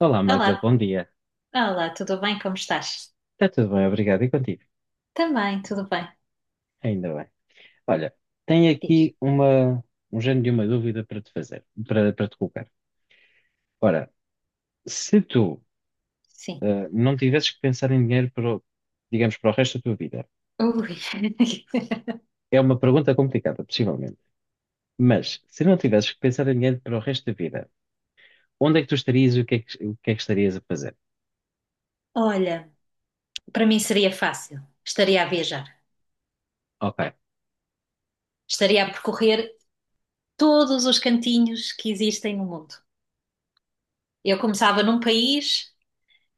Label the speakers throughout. Speaker 1: Olá, Magda,
Speaker 2: Olá,
Speaker 1: bom dia.
Speaker 2: olá, tudo bem? Como estás?
Speaker 1: Está tudo bem, obrigado. E contigo?
Speaker 2: Também, tudo bem.
Speaker 1: Ainda bem. Olha, tenho
Speaker 2: Diz.
Speaker 1: aqui um género de uma dúvida para te fazer, para te colocar. Ora, se tu
Speaker 2: Sim.
Speaker 1: não tivesses que pensar em dinheiro para, digamos, para o resto da tua vida,
Speaker 2: Ui.
Speaker 1: é uma pergunta complicada, possivelmente, mas se não tivesses que pensar em dinheiro para o resto da vida, onde é que tu estarias e o que é que estarias a fazer?
Speaker 2: Olha, para mim seria fácil. Estaria a viajar.
Speaker 1: Ok,
Speaker 2: Estaria a percorrer todos os cantinhos que existem no mundo. Eu começava num país,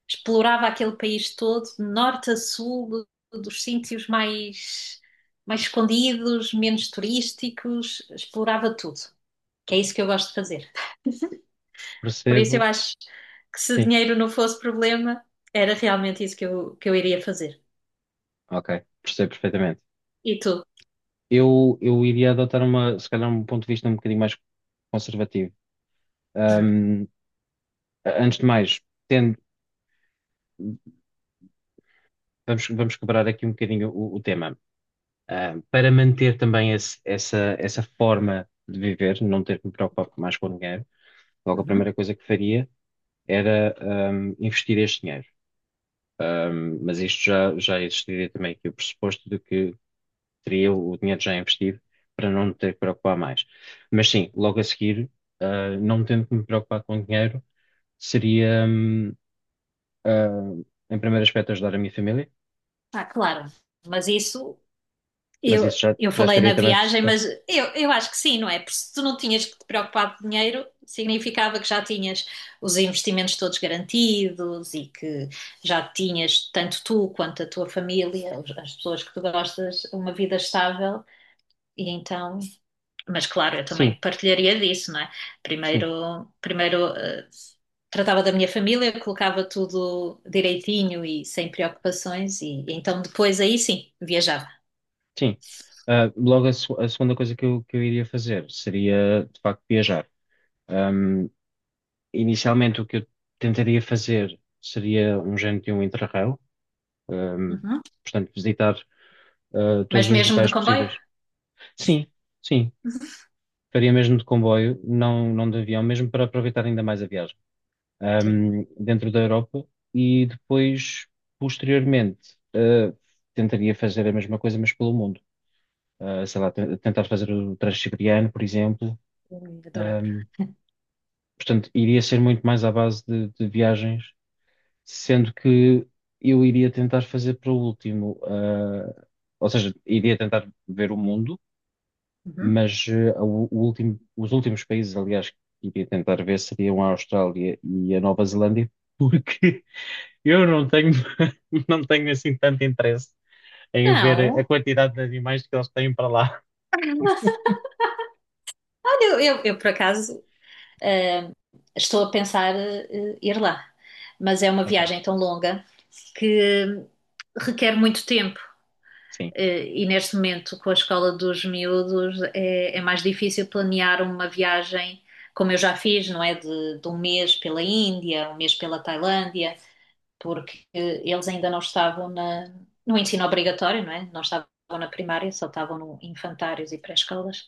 Speaker 2: explorava aquele país todo, de norte a sul, dos mais escondidos, menos turísticos, explorava tudo. Que é isso que eu gosto de fazer. Por isso eu
Speaker 1: percebo.
Speaker 2: acho que, se
Speaker 1: Sim,
Speaker 2: dinheiro não fosse problema, era realmente isso que eu iria fazer.
Speaker 1: ok, percebo perfeitamente.
Speaker 2: E tu?
Speaker 1: Eu iria adotar uma, se calhar, um ponto de vista um bocadinho mais conservativo.
Speaker 2: Hum,
Speaker 1: Um, Antes de mais, tendo- vamos quebrar aqui um bocadinho o tema. Para manter também essa forma de viver, não ter que me preocupar mais com o dinheiro, logo a
Speaker 2: uhum.
Speaker 1: primeira coisa que faria era investir este dinheiro. Mas isto já existiria também aqui o pressuposto de que teria o dinheiro já investido para não me ter que preocupar mais. Mas sim, logo a seguir, não tendo que me preocupar com dinheiro, seria, uh, em primeiro aspecto, ajudar a minha família.
Speaker 2: Ah, claro. Mas isso
Speaker 1: Mas
Speaker 2: eu,
Speaker 1: isso
Speaker 2: eu
Speaker 1: já
Speaker 2: falei
Speaker 1: estaria
Speaker 2: na
Speaker 1: também
Speaker 2: viagem,
Speaker 1: pressuposto.
Speaker 2: mas eu acho que sim, não é? Porque se tu não tinhas que te preocupar de dinheiro, significava que já tinhas os investimentos todos garantidos e que já tinhas, tanto tu quanto a tua família, as pessoas que tu gostas, uma vida estável. E então, mas claro, eu
Speaker 1: Sim,
Speaker 2: também partilharia disso, não é?
Speaker 1: sim,
Speaker 2: Primeiro, tratava da minha família, colocava tudo direitinho e sem preocupações, e então depois aí sim, viajava.
Speaker 1: sim. Logo, a segunda coisa que que eu iria fazer seria, de facto, viajar. Ahm, Inicialmente, o que eu tentaria fazer seria um género de um Interrail, ahm,
Speaker 2: Uhum.
Speaker 1: portanto, visitar, todos
Speaker 2: Mas
Speaker 1: os
Speaker 2: mesmo de
Speaker 1: locais
Speaker 2: comboio?
Speaker 1: possíveis. Sim, sim. Faria mesmo de comboio, não de avião, mesmo para aproveitar ainda mais a viagem,
Speaker 2: Sim,
Speaker 1: dentro da Europa e depois, posteriormente, tentaria fazer a mesma coisa, mas pelo mundo. Sei lá, tentar fazer o transiberiano, por exemplo.
Speaker 2: eu adorava.
Speaker 1: Ahm, Portanto, iria ser muito mais à base de viagens, sendo que eu iria tentar fazer para o último, ou seja, iria tentar ver o mundo,
Speaker 2: Uhum.
Speaker 1: mas o último, os últimos países, aliás, que iria tentar ver seriam a Austrália e a Nova Zelândia, porque eu não tenho, não tenho assim tanto interesse em ver a
Speaker 2: Não,
Speaker 1: quantidade de animais que eles têm para lá.
Speaker 2: olha, eu, por acaso, eh, estou a pensar ir lá, mas é uma
Speaker 1: Ok,
Speaker 2: viagem tão longa que requer muito tempo.
Speaker 1: sim.
Speaker 2: E neste momento, com a escola dos miúdos, é mais difícil planear uma viagem, como eu já fiz, não é? De 1 mês pela Índia, 1 mês pela Tailândia, porque eles ainda não estavam no ensino obrigatório, não é? Não estavam na primária, só estavam no infantários e pré-escolas,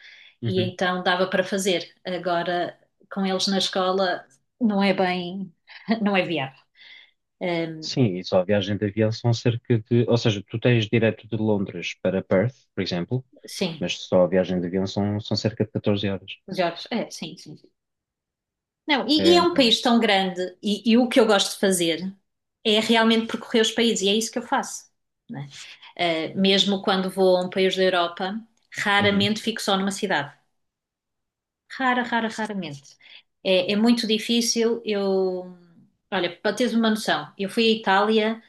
Speaker 2: e
Speaker 1: Uhum.
Speaker 2: então dava para fazer. Agora, com eles na escola, não é bem, não é viável. Eh,
Speaker 1: Sim, e só a viagem de avião são cerca de. Ou seja, tu tens direto de Londres para Perth, por exemplo,
Speaker 2: sim,
Speaker 1: mas só a viagem de avião são, são cerca de 14 horas.
Speaker 2: Jorge, é, sim, sim. Não, e,
Speaker 1: É,
Speaker 2: e é um
Speaker 1: é
Speaker 2: país
Speaker 1: muito.
Speaker 2: tão grande, e o que eu gosto de fazer é realmente percorrer os países, e é isso que eu faço, né? Eh, mesmo quando vou a um país da Europa,
Speaker 1: Uhum,
Speaker 2: raramente fico só numa cidade. Rara, rara, raramente. É muito difícil. Eu, olha, para teres uma noção, eu fui à Itália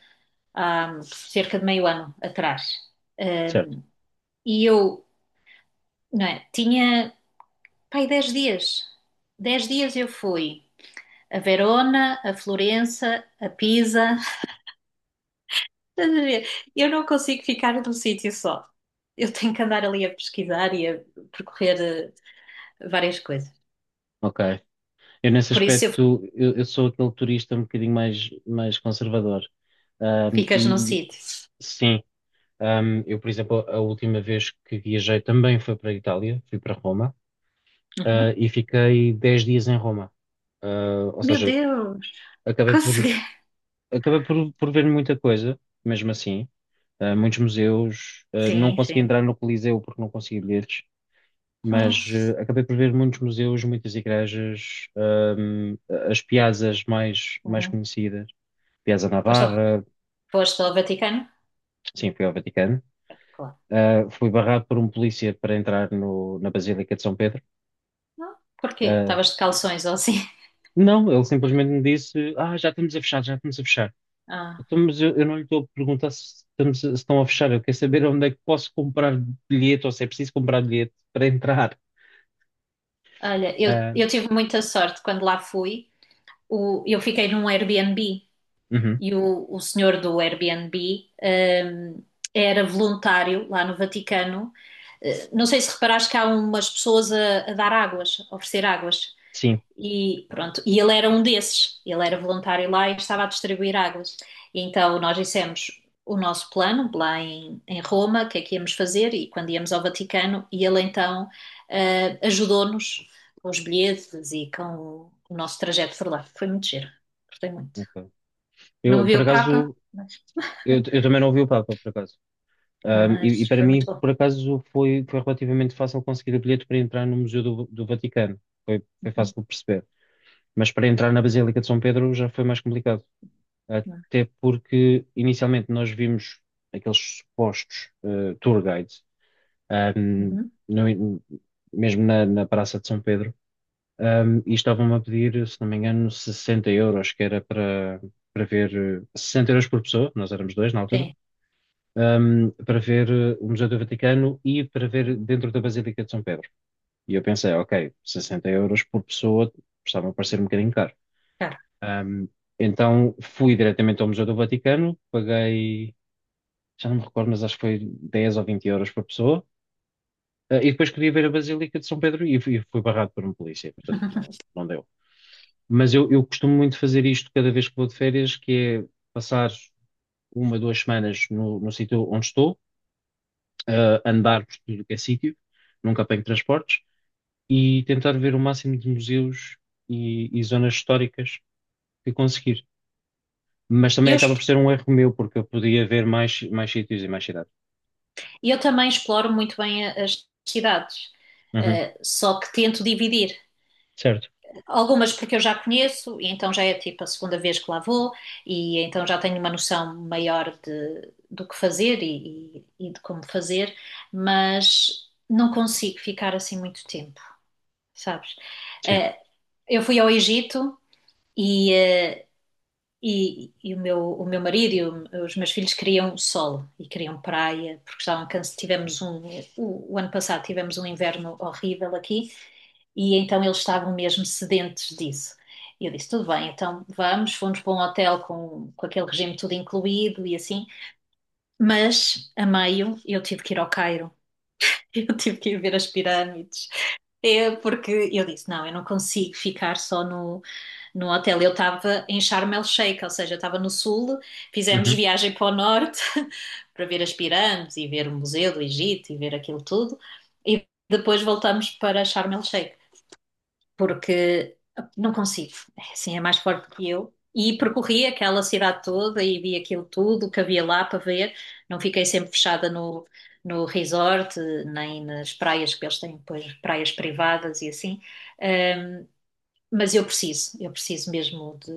Speaker 2: há cerca de meio ano atrás. Eh,
Speaker 1: certo,
Speaker 2: e eu, não é, tinha, pai, 10 dias. 10 dias eu fui a Verona, a Florença, a Pisa. Estás a ver? Eu não consigo ficar num sítio só. Eu tenho que andar ali a pesquisar e a percorrer várias coisas.
Speaker 1: ok. Eu, nesse
Speaker 2: Por isso, eu
Speaker 1: aspecto, eu sou aquele turista um bocadinho mais, mais conservador. Ahm,
Speaker 2: ficas num
Speaker 1: e, e,
Speaker 2: sítio.
Speaker 1: sim, eu, por exemplo, a última vez que viajei também foi para a Itália, fui para Roma,
Speaker 2: Uhum.
Speaker 1: e fiquei 10 dias em Roma. Ou
Speaker 2: Meu
Speaker 1: seja,
Speaker 2: Deus,
Speaker 1: acabei por
Speaker 2: consegui.
Speaker 1: acabei por ver muita coisa, mesmo assim. Muitos museus. Não
Speaker 2: Sim,
Speaker 1: consegui
Speaker 2: sim.
Speaker 1: entrar no Coliseu porque não consegui bilhetes, mas
Speaker 2: Oh.
Speaker 1: acabei por ver muitos museus, muitas igrejas, as piazzas mais, mais
Speaker 2: Uhum.
Speaker 1: conhecidas. Piazza
Speaker 2: Foste ao,
Speaker 1: Navarra,
Speaker 2: foste ao Vaticano?
Speaker 1: sim, fui ao Vaticano.
Speaker 2: Claro.
Speaker 1: Fui barrado por um polícia para entrar na Basílica de São Pedro.
Speaker 2: Não? Porquê?
Speaker 1: Uh,
Speaker 2: Estavas de calções ou assim?
Speaker 1: não, ele simplesmente me disse: Ah, já estamos a fechar, já estamos a fechar.
Speaker 2: Ah,
Speaker 1: Então, mas eu não lhe estou a perguntar se, se estão a fechar. Eu quero saber onde é que posso comprar bilhete ou se é preciso comprar bilhete para entrar.
Speaker 2: olha, eu,
Speaker 1: Ah,
Speaker 2: eu tive muita sorte quando lá fui. O, eu fiquei num Airbnb
Speaker 1: uhum,
Speaker 2: e o senhor do Airbnb, hum, era voluntário lá no Vaticano. Eh, não sei se reparaste que há umas pessoas a dar águas, a oferecer águas.
Speaker 1: sim.
Speaker 2: E pronto, e ele era um desses. Ele era voluntário lá e estava a distribuir águas. E então nós dissemos o nosso plano lá em Roma, o que é que íamos fazer e quando íamos ao Vaticano. E ele então, ajudou-nos com os bilhetes e com o nosso trajeto por lá. Foi muito giro, gostei muito.
Speaker 1: Ok.
Speaker 2: Não
Speaker 1: Eu,
Speaker 2: vi
Speaker 1: por
Speaker 2: o Papa,
Speaker 1: acaso,
Speaker 2: mas,
Speaker 1: eu também não ouvi o Papa, por acaso. E
Speaker 2: mas
Speaker 1: para
Speaker 2: foi muito
Speaker 1: mim,
Speaker 2: bom.
Speaker 1: por acaso, foi, foi relativamente fácil conseguir o bilhete para entrar no Museu do Vaticano. Foi, foi
Speaker 2: Uhum,
Speaker 1: fácil de perceber. Mas para entrar na Basílica de São Pedro já foi mais complicado.
Speaker 2: uhum,
Speaker 1: Até porque, inicialmente, nós vimos aqueles supostos tour guides, ahm,
Speaker 2: uhum.
Speaker 1: no- mesmo na Praça de São Pedro, e estavam-me a pedir, se não me engano, 60€, que era para ver, 60€ por pessoa, nós éramos dois na altura,
Speaker 2: Sim,
Speaker 1: para ver o Museu do Vaticano e para ver dentro da Basílica de São Pedro. E eu pensei, ok, 60€ por pessoa, estava a parecer um bocadinho caro.
Speaker 2: claro.
Speaker 1: Ahm, então fui diretamente ao Museu do Vaticano, paguei, já não me recordo, mas acho que foi 10 ou 20€ por pessoa. E depois queria ver a Basílica de São Pedro e fui, fui barrado por um polícia, portanto não, não deu. Mas eu costumo muito fazer isto cada vez que vou de férias, que é passar uma, duas semanas no sítio onde estou, andar por tudo que é sítio, nunca apanho transportes, e tentar ver o máximo de museus e zonas históricas que conseguir. Mas
Speaker 2: E
Speaker 1: também
Speaker 2: eu,
Speaker 1: acaba por ser um erro meu, porque eu podia ver mais, mais sítios e mais cidades.
Speaker 2: e eu também exploro muito bem as cidades,
Speaker 1: Uhum,
Speaker 2: só que tento dividir.
Speaker 1: certo,
Speaker 2: Algumas porque eu já conheço, e então já é tipo a segunda vez que lá vou, e então já tenho uma noção maior de do que fazer e e de como fazer, mas não consigo ficar assim muito tempo, sabes?
Speaker 1: sim.
Speaker 2: Eh, eu fui ao Egito e. eh, e o meu marido e os meus filhos queriam sol e queriam praia, porque estavam cansados. O ano passado tivemos um inverno horrível aqui, e então eles estavam mesmo sedentes disso. E eu disse, tudo bem, então vamos, fomos para um hotel com aquele regime tudo incluído e assim, mas a meio eu tive que ir ao Cairo. Eu tive que ir ver as pirâmides, é porque eu disse, não, eu não consigo ficar só no hotel. Eu estava em Sharm El Sheikh, ou seja, eu estava no sul, fizemos
Speaker 1: Uhum.
Speaker 2: viagem para o norte para ver as pirâmides e ver o Museu do Egito e ver aquilo tudo, e depois voltamos para Sharm El Sheikh, porque não consigo, é assim, é mais forte que eu. E percorri aquela cidade toda e vi aquilo tudo que havia lá para ver, não fiquei sempre fechada no, no resort, nem nas praias, que eles têm depois praias privadas e assim. Ahm, mas eu preciso mesmo de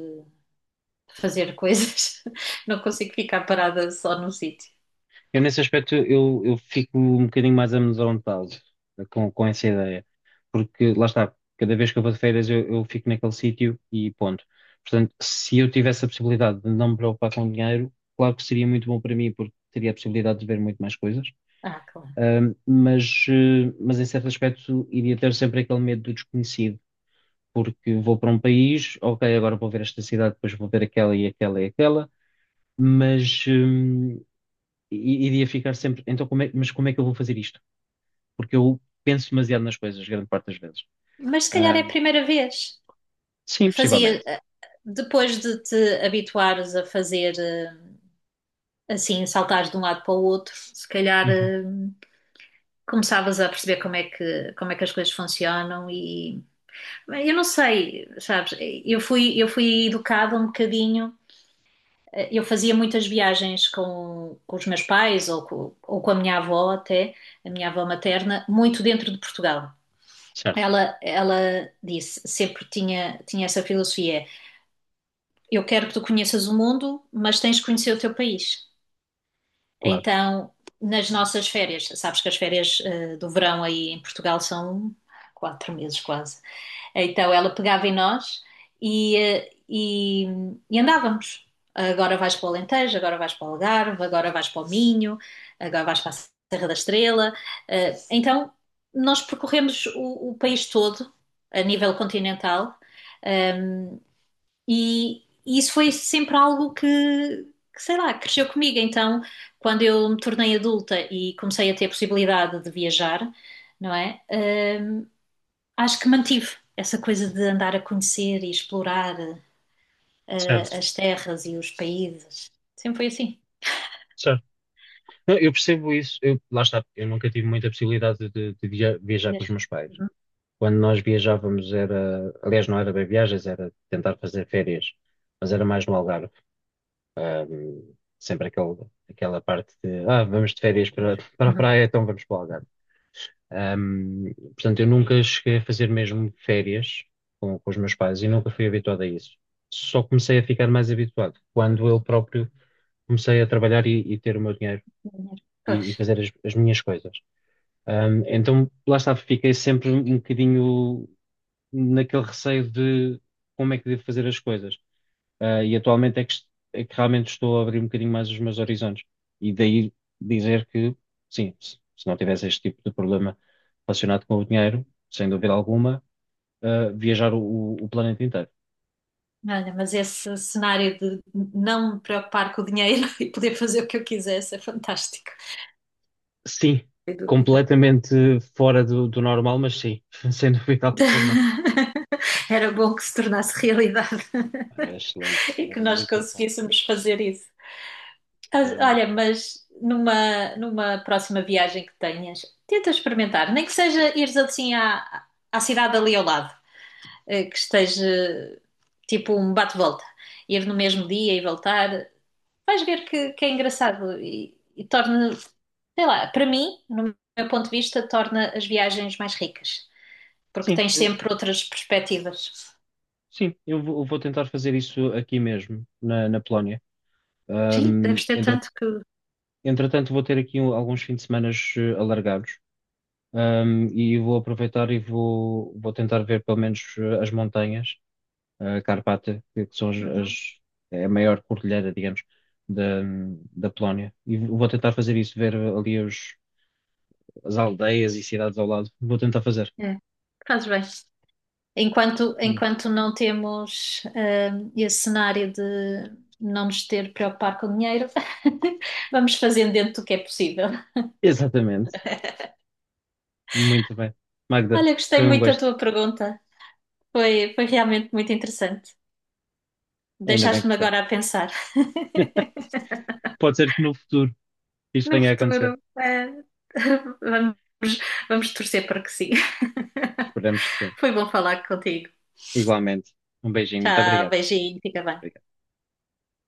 Speaker 2: fazer coisas. Não consigo ficar parada só num sítio.
Speaker 1: Eu, nesse aspecto, eu fico um bocadinho mais amedrontado com essa ideia, porque lá está, cada vez que eu vou de férias, eu fico naquele sítio e ponto. Portanto, se eu tivesse a possibilidade de não me preocupar com dinheiro, claro que seria muito bom para mim, porque teria a possibilidade de ver muito mais coisas.
Speaker 2: Ah, claro.
Speaker 1: Mas, mas em certo aspecto, iria ter sempre aquele medo do desconhecido, porque vou para um país, ok, agora vou ver esta cidade, depois vou ver aquela e aquela e aquela, mas, e iria ficar sempre, então como é, mas como é que eu vou fazer isto? Porque eu penso demasiado nas coisas, grande parte das vezes.
Speaker 2: Mas se calhar é a
Speaker 1: Ahm,
Speaker 2: primeira vez.
Speaker 1: sim,
Speaker 2: Fazia,
Speaker 1: possivelmente.
Speaker 2: depois de te habituares a fazer, assim, saltares de um lado para o outro, se calhar,
Speaker 1: Uhum,
Speaker 2: começavas a perceber como é que as coisas funcionam. E eu não sei, sabes, eu fui educada um bocadinho, eu fazia muitas viagens com os meus pais ou com a minha avó até, a minha avó materna, muito dentro de Portugal.
Speaker 1: certo,
Speaker 2: Ela disse, sempre tinha, tinha essa filosofia: eu quero que tu conheças o mundo, mas tens de conhecer o teu país.
Speaker 1: claro.
Speaker 2: Então, nas nossas férias, sabes que as férias, do verão aí em Portugal, são 4 meses quase. Então ela pegava em nós e e andávamos. Agora vais para o Alentejo, agora vais para o Algarve, agora vais para o Minho, agora vais para a Serra da Estrela. Eh, então nós percorremos o país todo, a nível continental, eh, e e isso foi sempre algo que, sei lá, cresceu comigo. Então, quando eu me tornei adulta e comecei a ter a possibilidade de viajar, não é? Eh, acho que mantive essa coisa de andar a conhecer e explorar,
Speaker 1: Certo,
Speaker 2: as terras e os países. Sempre foi assim.
Speaker 1: certo. Não, eu percebo isso. Eu, lá está, eu nunca tive muita possibilidade viajar com os
Speaker 2: Desde-
Speaker 1: meus pais.
Speaker 2: Uhum,
Speaker 1: Quando nós viajávamos era, aliás, não era bem viagens, era tentar fazer férias, mas era mais no Algarve. Sempre aquele, aquela parte de, ah, vamos de férias
Speaker 2: pois,
Speaker 1: para a
Speaker 2: uhum.
Speaker 1: praia, então vamos para o Algarve. Portanto, eu nunca cheguei a fazer mesmo férias com os meus pais e nunca fui habituado a isso. Só comecei a ficar mais habituado quando eu próprio comecei a trabalhar e ter o meu dinheiro
Speaker 2: Dinheiro.
Speaker 1: e
Speaker 2: Pois.
Speaker 1: fazer as minhas coisas. Então, lá está, fiquei sempre um bocadinho naquele receio de como é que devo fazer as coisas. E atualmente é que, é que realmente estou a abrir um bocadinho mais os meus horizontes. E daí dizer que, sim, se não tivesse este tipo de problema relacionado com o dinheiro, sem dúvida alguma, viajar o planeta inteiro.
Speaker 2: Olha, mas esse cenário de não me preocupar com o dinheiro e poder fazer o que eu quisesse é fantástico.
Speaker 1: Sim,
Speaker 2: Sem dúvida.
Speaker 1: completamente fora do normal, mas sim, sem dúvida alguma.
Speaker 2: Era bom que se tornasse realidade
Speaker 1: Era excelente,
Speaker 2: e que
Speaker 1: era
Speaker 2: nós
Speaker 1: muito, muito bom.
Speaker 2: conseguíssemos fazer isso.
Speaker 1: Era muito
Speaker 2: Olha,
Speaker 1: bom.
Speaker 2: mas numa, numa próxima viagem que tenhas, tenta experimentar, nem que seja ires assim à, à cidade ali ao lado, que esteja tipo um bate-volta, ir no mesmo dia e voltar, vais ver que é engraçado e torna, sei lá, para mim, no meu ponto de vista, torna as viagens mais ricas, porque
Speaker 1: Sim,
Speaker 2: tens sempre outras perspectivas.
Speaker 1: sim, eu vou tentar fazer isso aqui mesmo, na Polónia.
Speaker 2: Sim,
Speaker 1: Ahm,
Speaker 2: deves ter
Speaker 1: entre-
Speaker 2: tanto que. Uhum.
Speaker 1: Entretanto, vou ter aqui alguns fins de semana alargados. E vou aproveitar e vou, vou tentar ver pelo menos as montanhas, a Carpata, que são é a maior cordilheira, digamos, da, da Polónia. E vou tentar fazer isso, ver ali as aldeias e cidades ao lado. Vou tentar fazer.
Speaker 2: É, fazes bem. Enquanto não temos, esse cenário de não nos ter de preocupar com dinheiro, vamos fazendo dentro do que é possível.
Speaker 1: Exatamente. Muito bem. Magda,
Speaker 2: Olha, gostei
Speaker 1: foi um
Speaker 2: muito da
Speaker 1: gosto.
Speaker 2: tua pergunta. Foi realmente muito interessante.
Speaker 1: Ainda bem que
Speaker 2: Deixaste-me
Speaker 1: gostaste.
Speaker 2: agora a pensar.
Speaker 1: Pode ser que no futuro isto
Speaker 2: No
Speaker 1: venha a acontecer.
Speaker 2: futuro, vamos, vamos torcer para que sim.
Speaker 1: Esperemos que sim.
Speaker 2: Foi bom falar contigo.
Speaker 1: Igualmente. Um beijinho. Muito
Speaker 2: Tchau,
Speaker 1: obrigado.
Speaker 2: beijinho, fica bem.